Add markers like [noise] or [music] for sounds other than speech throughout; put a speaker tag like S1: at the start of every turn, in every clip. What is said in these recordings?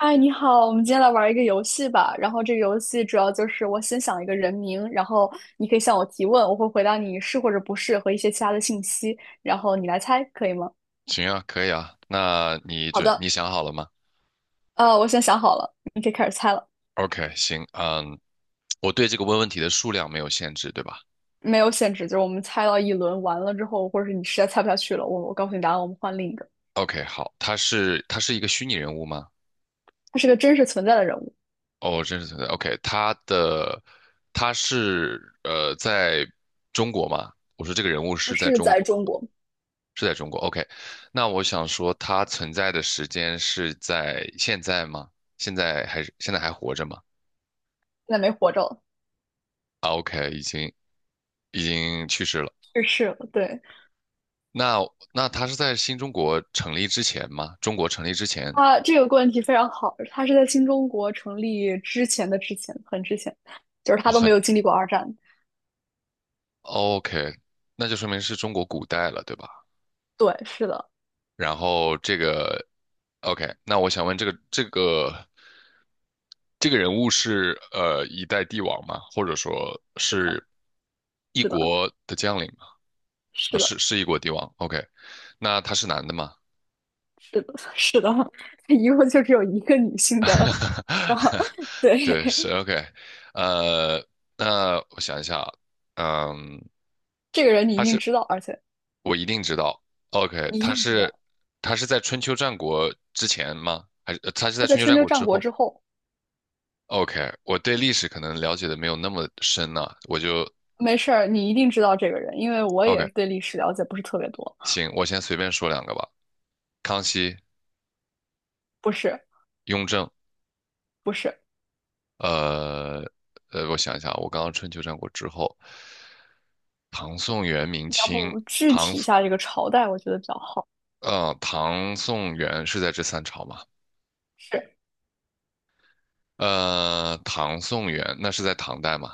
S1: 嗨，你好，我们今天来玩一个游戏吧。然后这个游戏主要就是我先想一个人名，然后你可以向我提问，我会回答你是或者不是和一些其他的信息，然后你来猜，可以吗？
S2: 行啊，可以啊。那你
S1: 好
S2: 就
S1: 的，
S2: 你想好了吗
S1: 我先想好了，你可以开始猜了，
S2: ？OK,行，嗯，我对这个问题的数量没有限制，对吧
S1: 没有限制，就是我们猜到一轮完了之后，或者是你实在猜不下去了，我告诉你答案，我们换另一个。
S2: ？OK,好，他是一个虚拟人物吗？
S1: 他是个真实存在的人物，
S2: 哦，真实存在。OK,他是在中国吗？我说这个人物
S1: 他
S2: 是在
S1: 是
S2: 中
S1: 在
S2: 国，
S1: 中国，现
S2: 是在中国。OK,那我想说他存在的时间是在现在吗？现在还是现在还活着吗？
S1: 在没活着了，
S2: 已经去世了。
S1: 去世了，对，
S2: 那那他是在新中国成立之前吗？中国成立之前
S1: 他这个问题非常好，他是在新中国成立之前的之前，很之前，就是他
S2: 哦，
S1: 都没有经历过二战。
S2: OK,那就说明是中国古代了，对吧？
S1: 对，是的，
S2: 然后这个 OK,那我想问这个人物是一代帝王吗？或者说
S1: 是的，
S2: 是一
S1: 是的，
S2: 国的将领吗？
S1: 是
S2: 是
S1: 的，
S2: 是一国帝王。OK,那他是男的吗？
S1: 是的，是的，[laughs] 他一共就只有一个女性的，然后
S2: [laughs]
S1: 对
S2: 对，是 OK。呃，那我想一下啊，嗯，
S1: [laughs] 这个人你一
S2: 他
S1: 定
S2: 是
S1: 知道，而且
S2: 我一定知道。OK,
S1: 你一
S2: 他
S1: 定知
S2: 是
S1: 道
S2: 他是在春秋战国之前吗？还是他是在
S1: 他在
S2: 春秋
S1: 春
S2: 战
S1: 秋
S2: 国
S1: 战
S2: 之
S1: 国
S2: 后
S1: 之后，
S2: ？OK,我对历史可能了解的没有那么深呢，我就
S1: 没事儿，你一定知道这个人，因为我也
S2: OK,
S1: 是对历史了解不是特别多，
S2: 行，我先随便说两个吧。康熙、
S1: 不是
S2: 雍正，
S1: 不是，
S2: 呃我想一下啊，我刚刚春秋战国之后，唐宋元明
S1: 你要
S2: 清，
S1: 不具体一下这个朝代，我觉得比较好，
S2: 唐宋元是在这三朝吗？
S1: 是
S2: 唐宋元那是在唐代吗？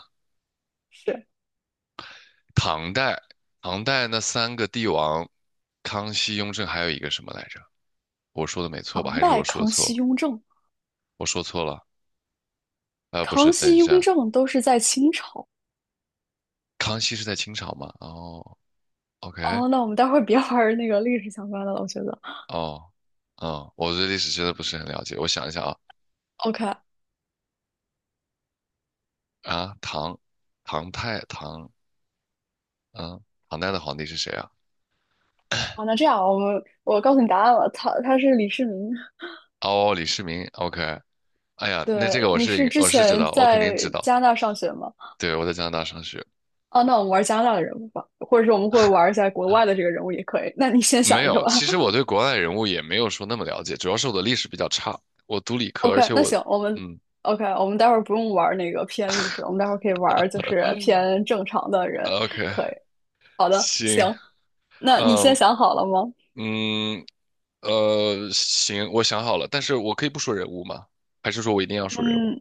S1: 是
S2: 唐代，唐代那三个帝王，康熙、雍正，还有一个什么来着？我说的没错吧？
S1: 唐
S2: 还是
S1: 代
S2: 我说
S1: 康熙
S2: 错？
S1: 雍正。
S2: 我说错了？不是，
S1: 康
S2: 等
S1: 熙、
S2: 一
S1: 雍
S2: 下，
S1: 正都是在清朝。
S2: 康熙是在清朝吗？哦，OK,
S1: 哦，那我们待会儿别玩儿那个历史相关的了，我觉得。
S2: 哦，嗯，我对历史真的不是很了解。我想一下啊，
S1: OK，
S2: 啊，唐，唐太唐，嗯，唐代的皇帝是谁啊？
S1: 好，那这样我告诉你答案了，他是李世民。
S2: 哦，李世民，OK。哎呀，那这
S1: 对，
S2: 个我
S1: 你是
S2: 是
S1: 之
S2: 我是知
S1: 前
S2: 道，我肯定
S1: 在
S2: 知道。
S1: 加拿大上学吗？
S2: 对，我在加拿大上学。
S1: 哦，那我们玩加拿大的人物吧，或者是我们会玩一下国外的这个人物也可以。那你先
S2: 没
S1: 想一个
S2: 有，
S1: 吧。
S2: 其实我对国外人物也没有说那么了解，主要是我的历史比较差，我读理
S1: [laughs]
S2: 科，而
S1: OK，
S2: 且
S1: 那
S2: 我，
S1: 行，
S2: 嗯
S1: OK，我们待会儿不用玩那个偏历史了，我们待会儿可以玩就是偏正常的人，
S2: OK,
S1: 可以。好的，
S2: 行，
S1: 行，那你先
S2: 嗯
S1: 想好了吗？
S2: 嗯行，我想好了，但是我可以不说人物吗？还是说我一定要说人物
S1: 嗯，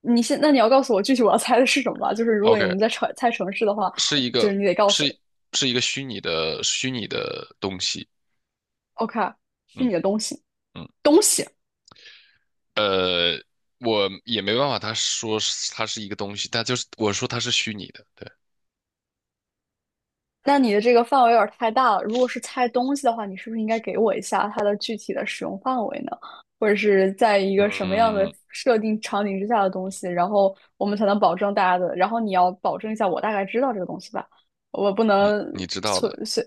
S1: 那你要告诉我具体我要猜的是什么吧？就是如果我
S2: ？OK,
S1: 们在猜猜城市的话，
S2: 是一
S1: 就是
S2: 个
S1: 你得告
S2: 是
S1: 诉
S2: 是一个虚拟的东西，
S1: 我，OK，是
S2: 嗯
S1: 你的东西，
S2: 嗯，
S1: 东西。
S2: 我也没办法，他说是它是一个东西，但就是我说它是虚拟的，对，
S1: 那你的这个范围有点太大了。如果是猜东西的话，你是不是应该给我一下它的具体的使用范围呢？或者是在一个什么样的
S2: 嗯，
S1: 设定场景之下的东西，然后我们才能保证大家的，然后你要保证一下我大概知道这个东西吧，我不
S2: 你
S1: 能
S2: 你知道
S1: 随
S2: 的，
S1: 随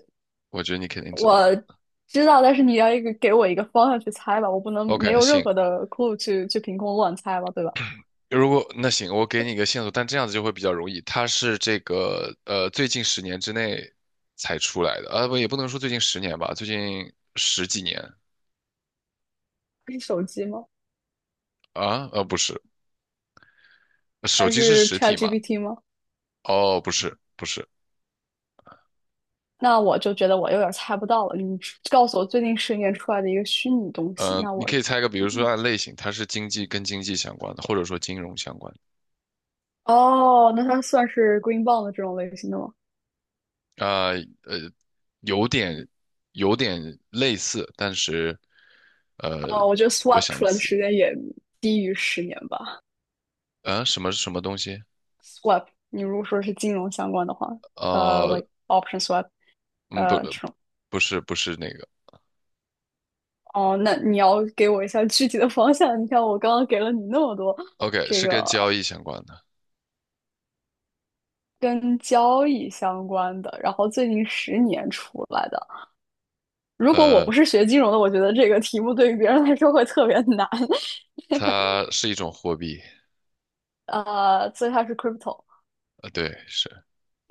S2: 我觉得你肯定知道的。
S1: 知道，但是你要一个给我一个方向去猜吧，我不能没
S2: OK,
S1: 有任
S2: 行，
S1: 何的 clue 去凭空乱猜吧，对吧？
S2: 如果那行，我给你一个线索，但这样子就会比较容易。它是这个最近十年之内才出来的，啊不也不能说最近十年吧，最近十几年
S1: 是手机吗？
S2: 啊，不是，手
S1: 还
S2: 机是
S1: 是
S2: 实体嘛？
S1: ChatGPT 吗？
S2: 哦不是不是，
S1: 那我就觉得我有点儿猜不到了。你告诉我最近十年出来的一个虚拟东西，那
S2: 你
S1: 我，
S2: 可以猜一个，比如说
S1: 嗯
S2: 按类型，它是跟经济相关的，或者说金融相关的
S1: 哦，那它算是 Green Bond 这种类型的吗？
S2: 啊呃有点有点类似，但是呃
S1: 哦，我觉得
S2: 我
S1: Swap 出
S2: 想
S1: 来的
S2: 起
S1: 时间也低于10年吧。
S2: 啊什么什么东西？
S1: Swap，你如果说是金融相关的话，
S2: 啊？
S1: like option swap，
S2: 嗯，不，
S1: 这种。
S2: 不是那个
S1: 哦，那你要给我一下具体的方向。你看，我刚刚给了你那么多
S2: ，OK,
S1: 这
S2: 是
S1: 个
S2: 跟交易相关的。
S1: 跟交易相关的，然后最近十年出来的。如果我
S2: 呃，
S1: 不是学金融的，我觉得这个题目对于别人来说会特别难。
S2: 它是一种货币，
S1: 所以它是 crypto。
S2: 对，是，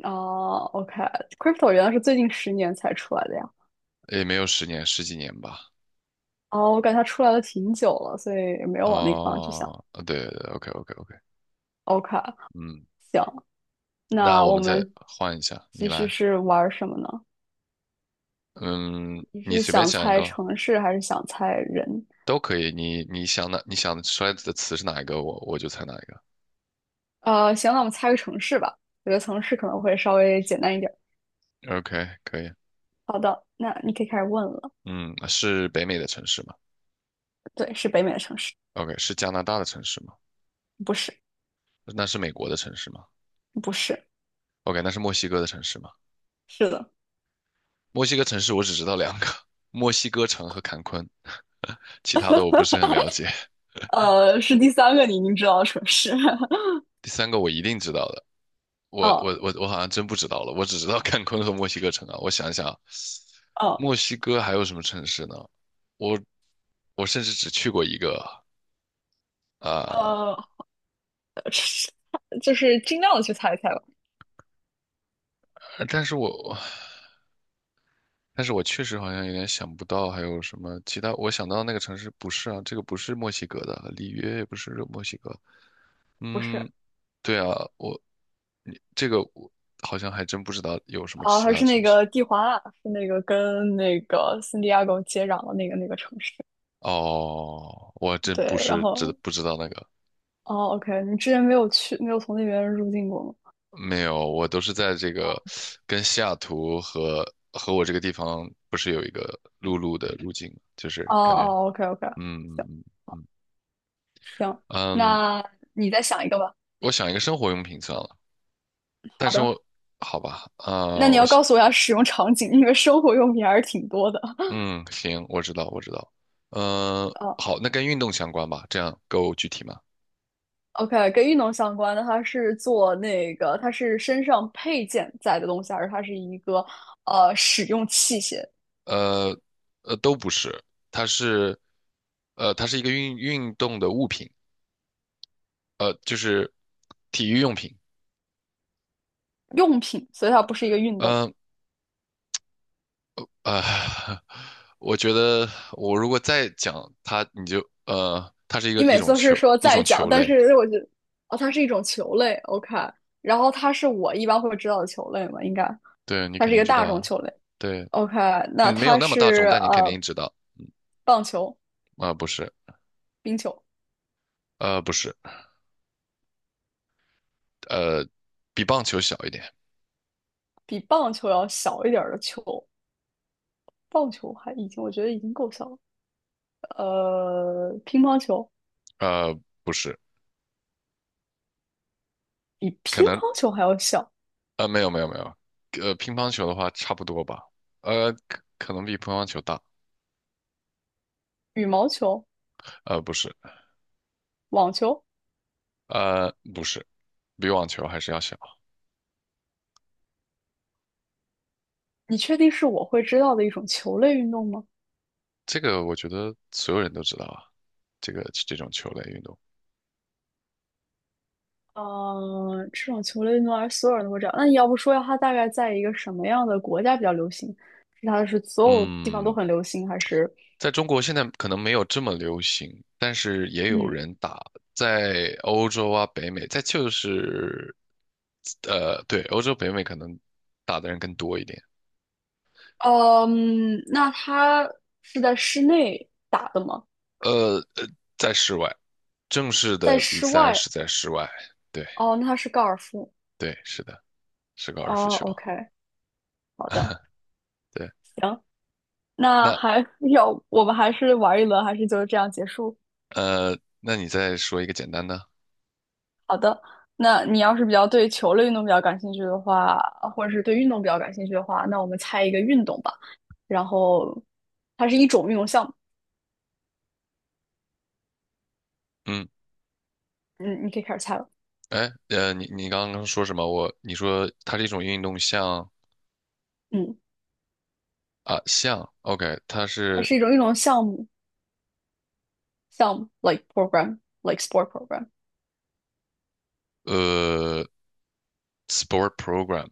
S1: 哦，OK，crypto okay。 原来是最近10年才出来的呀。
S2: 也没有十年，十几年吧。
S1: 哦，我感觉它出来了挺久了，所以没有往那个方向去想。
S2: 哦，对对对，OK OK OK,
S1: OK，
S2: 嗯，
S1: 行，
S2: 那
S1: 那
S2: 我
S1: 我
S2: 们再
S1: 们
S2: 换一下，你
S1: 其实
S2: 来，
S1: 是玩什么呢？
S2: 嗯，
S1: 你
S2: 你
S1: 是
S2: 随便
S1: 想
S2: 想一
S1: 猜
S2: 个
S1: 城市还是想猜人？
S2: 都可以，你想出来的词是哪一个，我就猜哪一个。
S1: 行，那我们猜个城市吧。我觉得城市可能会稍微简单一点。
S2: OK,可以，
S1: 好的，那你可以开始问了。
S2: 嗯，是北美的城市吗
S1: 对，是北美的城市，
S2: ？OK,是加拿大的城市吗？
S1: 不是，
S2: 那是美国的城市吗
S1: 不是，
S2: ？OK,那是墨西哥的城市吗？
S1: 是的，
S2: 墨西哥城市我只知道两个，[laughs] 墨西哥城和坎昆，[laughs] 其他的我不是很了解。
S1: 是第三个你已经知道的城市。[laughs]
S2: 第三个我一定知道的，我我
S1: 哦
S2: 我我好像真不知道了，我只知道坎昆和墨西哥城啊。我想想，
S1: 哦
S2: 墨西哥还有什么城市呢？我我甚至只去过一个啊、
S1: 呃，[laughs] 是就是尽量的去猜一猜吧。
S2: 呃但是我但是我确实好像有点想不到还有什么其他。我想到那个城市不是啊，这个不是墨西哥的，里约也不是墨西哥
S1: 不是
S2: 嗯，对啊，你这个我好像还真不知道有什么
S1: 啊，
S2: 其
S1: 还
S2: 他
S1: 是那
S2: 城市。
S1: 个蒂华纳，是那个跟那个圣地亚哥接壤的那个城市。
S2: 哦，我真不
S1: 对，然
S2: 是知
S1: 后
S2: 不知道那个，
S1: 哦，OK，你之前没有从那边入境过吗？
S2: 没有，我都是在这个跟西雅图和和我这个地方不是有一个陆路的路径吗，就是
S1: 哦
S2: 感觉，
S1: 哦，OK OK，行
S2: 嗯
S1: 行，
S2: 嗯，嗯
S1: 那你再想一个吧。
S2: 我想一个生活用品算了，但
S1: 好
S2: 是
S1: 的。
S2: 我好吧，
S1: 那你
S2: 我
S1: 要
S2: 想，
S1: 告诉我一下使用场景，因为生活用品还是挺多的。
S2: 嗯，行，我知道，我知道，嗯、
S1: 啊。
S2: 好，那跟运动相关吧，这样够具体吗？
S1: o k 跟运动相关的，它是做那个，它是身上配件在的东西，还是它是一个使用器械
S2: 呃都不是，它是它是一个运动的物品，就是体育用品。
S1: 用品？所以它不是一个运动。
S2: 嗯啊呃 [laughs]，我觉得我如果再讲它，你就它是一个
S1: 你每次都是说
S2: 一
S1: 在
S2: 种
S1: 讲，
S2: 球
S1: 但
S2: 类，
S1: 是我觉得哦，它是一种球类，OK。然后它是我一般会知道的球类嘛，应该
S2: 对你
S1: 它
S2: 肯
S1: 是一
S2: 定
S1: 个
S2: 知
S1: 大
S2: 道
S1: 众
S2: 啊，
S1: 球类
S2: 对，
S1: ，OK。那
S2: 嗯没有
S1: 它
S2: 那么大
S1: 是
S2: 众，但你肯定知道
S1: 棒球、
S2: 不是
S1: 冰球，
S2: 不是呃比棒球小一点，
S1: 比棒球要小一点的球。棒球还已经，我觉得已经够小了。乒乓球
S2: 呃不是。
S1: 比
S2: 可
S1: 乒
S2: 能。
S1: 乓球还要小，
S2: 没有，乒乓球的话差不多吧，可能比乒乓球大，
S1: 羽毛球、
S2: 不是，
S1: 网球，
S2: 不是，比网球还是要小。
S1: 你确定是我会知道的一种球类运动吗？
S2: 这个我觉得所有人都知道啊，这个这种球类运动，
S1: 嗯，这种球类运动还是所有人都会知道。那你要不说一下它大概在一个什么样的国家比较流行？是它是所有地方都
S2: 嗯，
S1: 很流行，还是
S2: 在中国现在可能没有这么流行，但是也有
S1: 嗯
S2: 人打，在欧洲啊、北美，在就是，对，欧洲、北美可能打的人更多一点。
S1: 嗯？那它是在室内打的吗？
S2: 呃呃，在室外，正式
S1: 在
S2: 的比
S1: 室
S2: 赛
S1: 外？
S2: 是在室外。对
S1: 哦，那它是高尔夫。
S2: 对，是的，是高尔夫
S1: 哦
S2: 球。
S1: ，OK，好的，
S2: 对，
S1: 行。那
S2: 那
S1: 还要 [laughs] 我们还是玩一轮，还是就这样结束？
S2: 那你再说一个简单的。
S1: 好的，那你要是比较对球类运动比较感兴趣的话，或者是对运动比较感兴趣的话，那我们猜一个运动吧。然后它是一种运动项目，
S2: 嗯，
S1: 嗯，你可以开始猜了。
S2: 哎，你你刚刚说什么？我你说它是一种运动项
S1: 嗯，
S2: 啊，项。OK,它
S1: 它
S2: 是
S1: 是一种运动项目，项目 like program like sport program。
S2: 呃 sport program。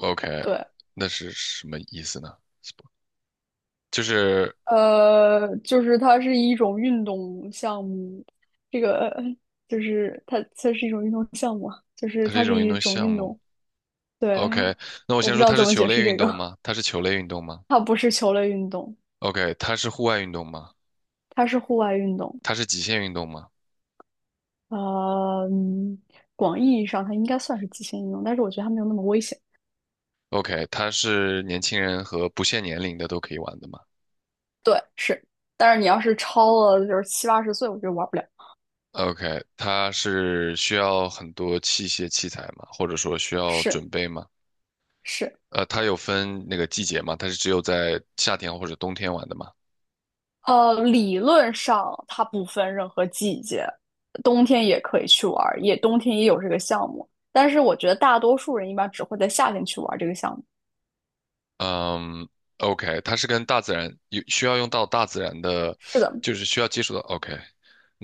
S2: OK,
S1: 对，
S2: 那是什么意思呢？sport 就是
S1: 就是它是一种运动项目，这个 [laughs] 就是它是一种运动项目啊就是
S2: 它是
S1: 它
S2: 一
S1: 是
S2: 种运
S1: 一
S2: 动
S1: 种
S2: 项
S1: 运
S2: 目。
S1: 动。[laughs] 对，
S2: OK,那我
S1: 我
S2: 先
S1: 不
S2: 说
S1: 知道
S2: 它
S1: 怎
S2: 是
S1: 么
S2: 球
S1: 解
S2: 类
S1: 释
S2: 运
S1: 这
S2: 动
S1: 个，
S2: 吗？它是球类运动吗
S1: 它不是球类运动，
S2: ？OK,它是户外运动吗？
S1: 它是户外运动。
S2: 它是极限运动吗
S1: 呃，嗯广义意义上它应该算是极限运动，但是我觉得它没有那么危险。
S2: ？OK,它是年轻人和不限年龄的都可以玩的吗
S1: 对，是，但是你要是超了就是七八十岁，我觉得玩不了。
S2: ？OK,它是需要很多器械器材吗？或者说需要
S1: 是
S2: 准备吗？
S1: 是，
S2: 它有分那个季节吗？它是只有在夏天或者冬天玩的吗？
S1: 理论上它不分任何季节，冬天也可以去玩儿，也冬天也有这个项目，但是我觉得大多数人一般只会在夏天去玩儿这个项目。
S2: 嗯，OK,它是跟大自然有需要用到大自然的，
S1: 是的，
S2: 就是需要接触到。OK,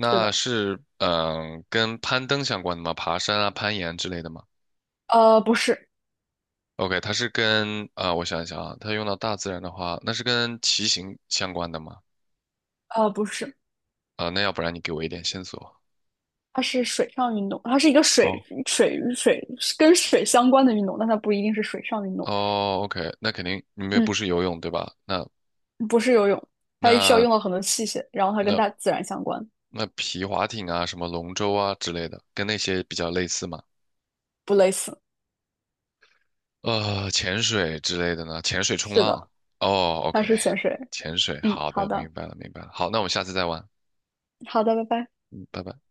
S1: 是的，
S2: 是嗯跟攀登相关的吗？爬山啊、攀岩之类的吗？
S1: 不是，
S2: OK,它是跟啊、我想一想啊，它用到大自然的话，那是跟骑行相关的吗？
S1: 不是。
S2: 啊、那要不然你给我一点线索。
S1: 它是水上运动，它是一个水
S2: 哦，
S1: 水水跟水相关的运动，但它不一定是水上运动。
S2: 哦，OK,那肯定你们不
S1: 嗯，
S2: 是游泳对吧？那
S1: 不是游泳，它需要
S2: 那
S1: 用到很多器械，然后它跟
S2: 那
S1: 大自然相关，
S2: 那皮划艇啊，什么龙舟啊之类的，跟那些比较类似嘛？
S1: 不类似。
S2: 潜水之类的呢？潜水、冲
S1: 是
S2: 浪。
S1: 的，
S2: 哦
S1: 它
S2: ，OK,
S1: 是潜水。
S2: 潜水，
S1: 嗯，
S2: 好
S1: 好
S2: 的，明
S1: 的，
S2: 白了，明白了。好，那我们下次再玩。
S1: 好的，拜拜。
S2: 嗯，拜拜。